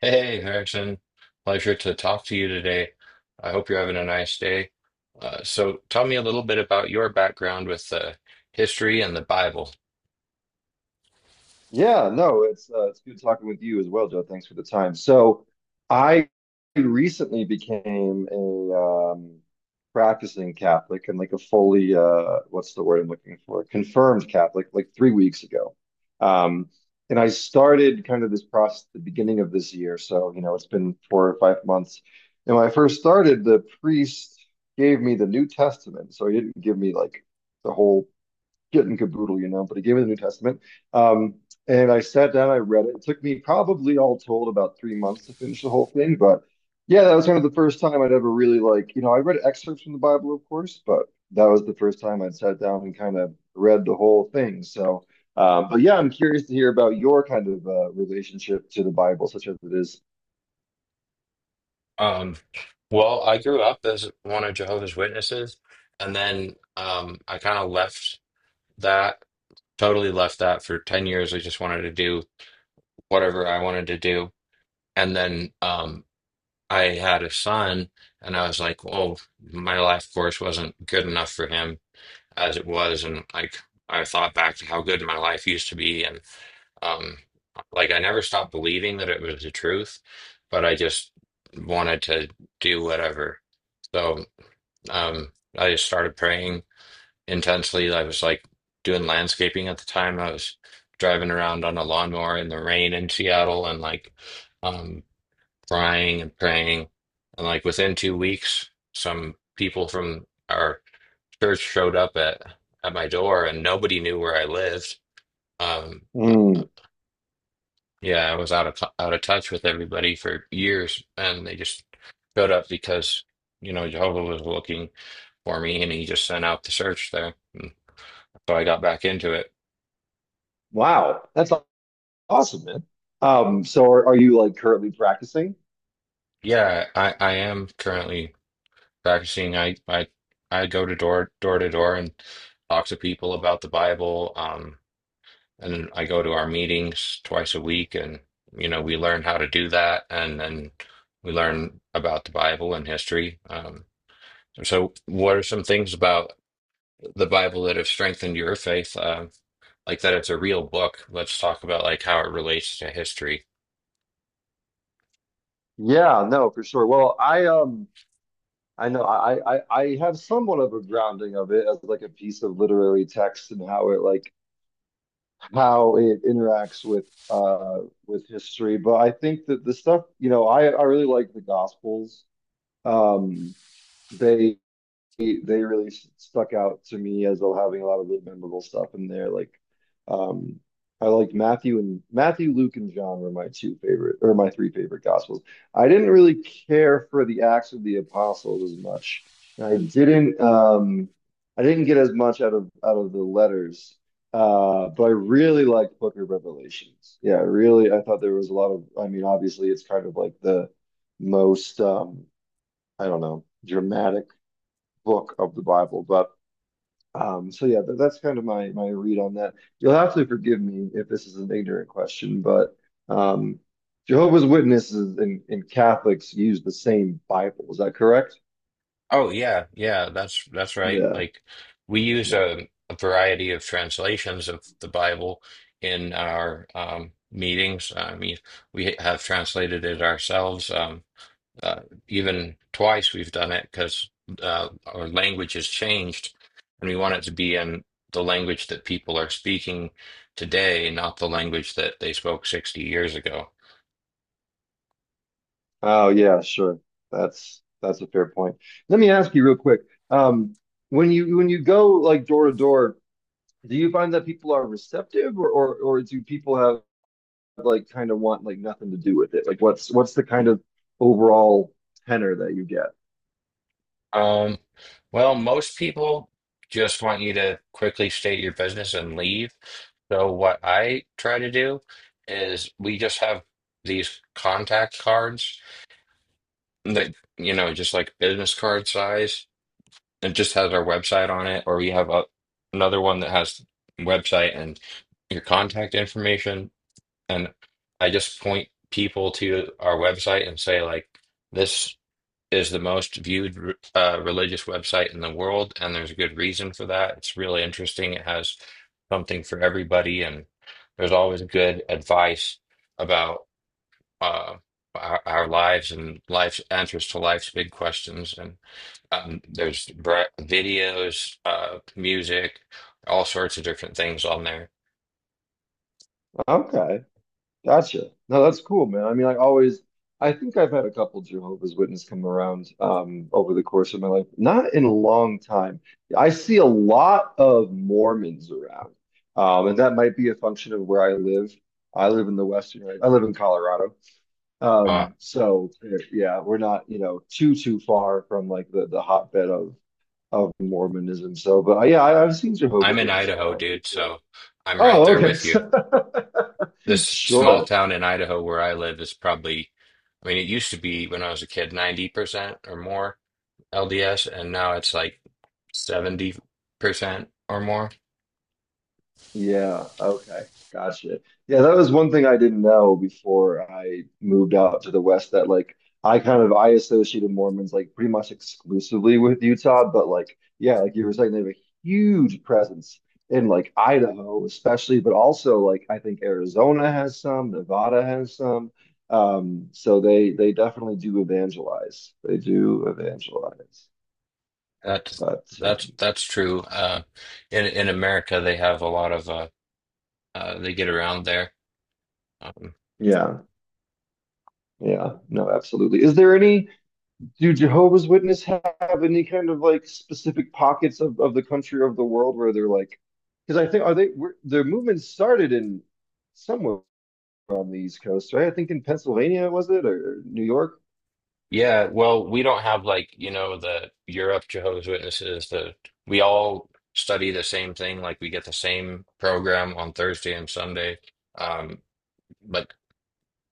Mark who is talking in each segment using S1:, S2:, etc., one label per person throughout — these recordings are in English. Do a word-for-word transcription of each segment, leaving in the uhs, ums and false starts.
S1: Hey, hey, Harrison. Pleasure to talk to you today. I hope you're having a nice day. Uh, so, tell me a little bit about your background with uh, history and the Bible.
S2: Yeah, no, it's uh, it's good talking with you as well, Joe. Thanks for the time. So, I recently became a um, practicing Catholic and like a fully uh, what's the word I'm looking for? Confirmed Catholic, like three weeks ago. Um, and I started kind of this process at the beginning of this year, so you know it's been four or five months. And when I first started, the priest gave me the New Testament, so he didn't give me like the whole getting caboodle, you know, but he gave me the New Testament. Um, and I sat down, I read it. It took me probably all told about three months to finish the whole thing. But yeah, that was kind of the first time I'd ever really like, you know, I read excerpts from the Bible, of course, but that was the first time I'd sat down and kind of read the whole thing. So, um, but yeah, I'm curious to hear about your kind of uh, relationship to the Bible, such as it is.
S1: Um, well, I grew up as one of Jehovah's Witnesses, and then um, I kind of left that, totally left that for ten years. I just wanted to do whatever I wanted to do. And then um, I had a son, and I was like, oh, my life course wasn't good enough for him, as it was, and like I thought back to how good my life used to be, and um like I never stopped believing that it was the truth, but I just wanted to do whatever. So um I just started praying intensely. I was like doing landscaping at the time. I was driving around on a lawnmower in the rain in Seattle, and like um crying and praying, and like within two weeks some people from our church showed up at at my door and nobody knew where I lived. Um, uh,
S2: Mm,
S1: yeah, I was out of t- out of touch with everybody for years, and they just showed up because you know Jehovah was looking for me, and he just sent out the search there. And so I got back into it.
S2: wow, that's awesome, man. Um, so are, are you like currently practicing?
S1: Yeah, I I am currently practicing. I I I go to door door to door and talk to people about the Bible. Um, And I go to our meetings twice a week, and you know, we learn how to do that, and then we learn about the Bible and history. Um, so, what are some things about the Bible that have strengthened your faith? Um, like that it's a real book. Let's talk about like how it relates to history.
S2: Yeah, no, for sure. Well, I um I know I, I I have somewhat of a grounding of it as like a piece of literary text and how it like how it interacts with uh with history. But I think that the stuff, you know, I I really like the Gospels. Um they they really stuck out to me as well, having a lot of really memorable stuff in there. Like, um, I liked Matthew. And Matthew, Luke, and John were my two favorite, or my three favorite gospels. I didn't really care for the Acts of the Apostles as much. And I didn't um I didn't get as much out of out of the letters. Uh, but I really liked Book of Revelations. Yeah, really, I thought there was a lot of, I mean, obviously it's kind of like the most um, I don't know, dramatic book of the Bible. But um, so yeah, that, that's kind of my my read on that. You'll have to forgive me if this is an ignorant question, but um, Jehovah's Witnesses and, and Catholics use the same Bible. Is that correct?
S1: Oh yeah, yeah, that's that's right.
S2: Yeah,
S1: Like we use
S2: yeah.
S1: a, a variety of translations of the Bible in our um, meetings. I mean, we have translated it ourselves. Um, Uh, Even twice we've done it because uh, our language has changed, and we want it to be in the language that people are speaking today, not the language that they spoke sixty years ago.
S2: Oh yeah, sure. That's that's a fair point. Let me ask you real quick. Um, when you when you go like door to door, do you find that people are receptive or or, or do people have like kind of want like nothing to do with it? Like what's what's the kind of overall tenor that you get?
S1: Um, well, most people just want you to quickly state your business and leave. So what I try to do is we just have these contact cards that, you know, just like business card size. It just has our website on it, or we have a, another one that has website and your contact information. And I just point people to our website and say, like, this is the most viewed uh, religious website in the world, and there's a good reason for that. It's really interesting. It has something for everybody, and there's always good advice about uh, our, our lives and life's answers to life's big questions. And um, there's bra- videos, uh, music, all sorts of different things on there.
S2: Okay. Gotcha. No, that's cool, man. I mean, I always, I think I've had a couple Jehovah's Witness come around um over the course of my life. Not in a long time. I see a lot of Mormons around. Um, and that might be a function of where I live. I live in the Western, I live in Colorado.
S1: Uh,
S2: Um, so yeah, we're not, you know, too too far from like the the hotbed of of Mormonism. So, but uh, yeah, I, I've seen
S1: I'm
S2: Jehovah's
S1: in
S2: Witness
S1: Idaho,
S2: around
S1: dude,
S2: before.
S1: so I'm right
S2: Oh,
S1: there
S2: okay.
S1: with you. This small
S2: Sure.
S1: town in Idaho where I live is probably, I mean, it used to be when I was a kid, ninety percent or more L D S, and now it's like seventy percent or more.
S2: Yeah, okay. Gotcha. Yeah, that was one thing I didn't know before I moved out to the West, that like I kind of I associated Mormons like pretty much exclusively with Utah, but like yeah, like you were saying, they have a huge presence in like Idaho especially, but also like I think Arizona has some, Nevada has some. Um, so they they definitely do evangelize. They do evangelize.
S1: That's
S2: But
S1: that's
S2: um,
S1: that's true. Uh, in in America, they have a lot of uh. uh, they get around there. Um,
S2: yeah, yeah, no, absolutely. Is there any, do Jehovah's Witness have any kind of like specific pockets of, of the country or of the world where they're like, because I think are they were, their movement started in somewhere on the East Coast, right? I think in Pennsylvania, was it, or New York?
S1: yeah, well, we don't have like, you know, the Europe Jehovah's Witnesses, the we all study the same thing, like we get the same program on Thursday and Sunday. Um, but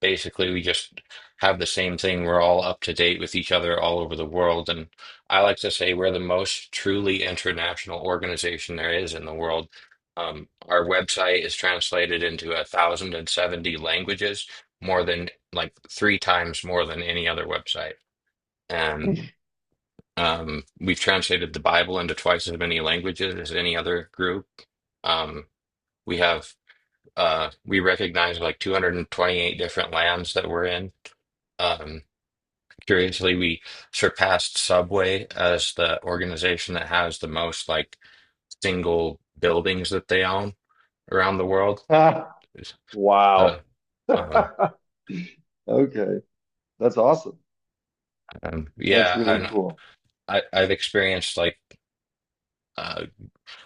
S1: Basically, we just have the same thing. We're all up to date with each other all over the world. And I like to say we're the most truly international organization there is in the world. Um, our website is translated into one thousand seventy languages, more than like three times more than any other website. And um, we've translated the Bible into twice as many languages as any other group. Um, we have uh, we recognize like two hundred twenty-eight different lands that we're in. Um, Curiously, we surpassed Subway as the organization that has the most like single buildings that they own around the world.
S2: Ah,
S1: So,
S2: wow.
S1: um,
S2: Okay, that's awesome.
S1: um,
S2: That's
S1: yeah,
S2: really
S1: and
S2: cool.
S1: I, I've experienced like uh,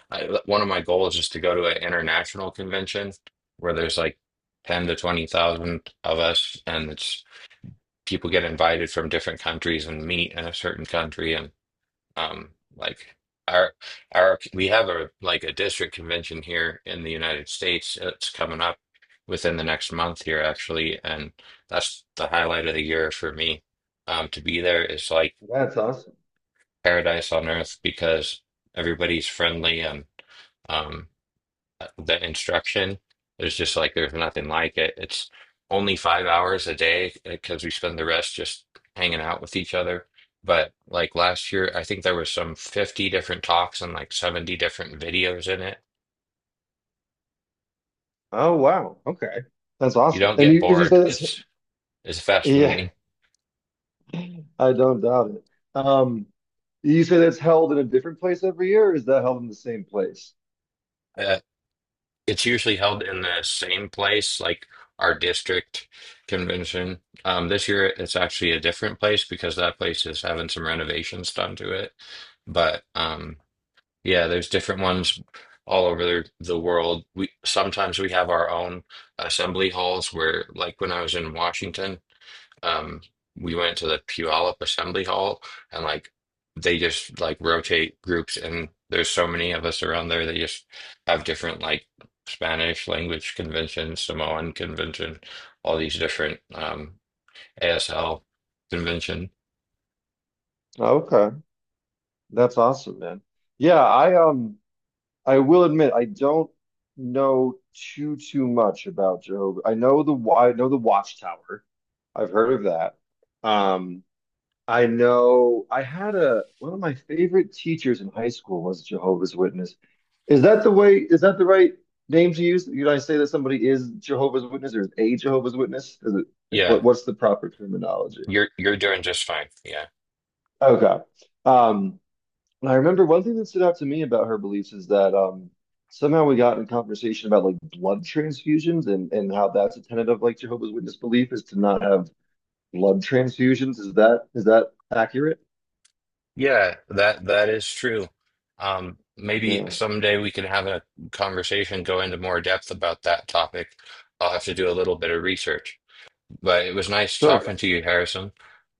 S1: I, one of my goals is to go to an international convention where there's like ten to twenty thousand of us, and it's people get invited from different countries and meet in a certain country. And. Um, like our our we have a like a district convention here in the United States. uh, It's coming up within the next month here actually, and that's the highlight of the year for me. Um, to be there is like
S2: That's awesome.
S1: paradise on earth because everybody's friendly and um the instruction. There's just like there's nothing like it. It's only five hours a day because we spend the rest just hanging out with each other. But like last year, I think there was some fifty different talks and like seventy different videos in it.
S2: Oh wow. Okay, that's
S1: You
S2: awesome.
S1: don't
S2: And
S1: get
S2: you, did you say
S1: bored.
S2: that's?
S1: It's it's fast
S2: Yeah,
S1: moving.
S2: I don't doubt it. Um, you say that's held in a different place every year, or is that held in the same place?
S1: Uh, it's usually held in the same place, like our district convention. Um, this year, it's actually a different place because that place is having some renovations done to it. But um, Yeah, there's different ones all over the, the world. We sometimes we have our own assembly halls where, like when I was in Washington, um, we went to the Puyallup Assembly Hall, and like they just like rotate groups and there's so many of us around there they just have different like Spanish language convention, Samoan convention, all these different um A S L convention.
S2: Okay, that's awesome, man. Yeah, I um I will admit I don't know too too much about Jehovah. I know the wa- I know the Watchtower. I've heard of that. Um I know I had a one of my favorite teachers in high school was a Jehovah's Witness. Is that the way is that the right name to use? Did I say that somebody is Jehovah's Witness, or is a Jehovah's Witness? Is it like
S1: Yeah,
S2: what what's the proper terminology?
S1: you're you're doing just fine. Yeah.
S2: Okay. Um And I remember one thing that stood out to me about her beliefs is that um, somehow we got in conversation about like blood transfusions and, and how that's a tenet of like Jehovah's Witness belief, is to not have blood transfusions. Is that is that accurate?
S1: Yeah, that that is true. Um, maybe
S2: Yeah,
S1: someday we can have a conversation, go into more depth about that topic. I'll have to do a little bit of research. But it was nice
S2: sure.
S1: talking to you, Harrison.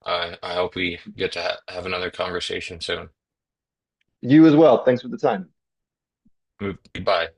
S1: I I hope we get to ha have another conversation soon.
S2: You as well. Thanks for the time.
S1: Goodbye.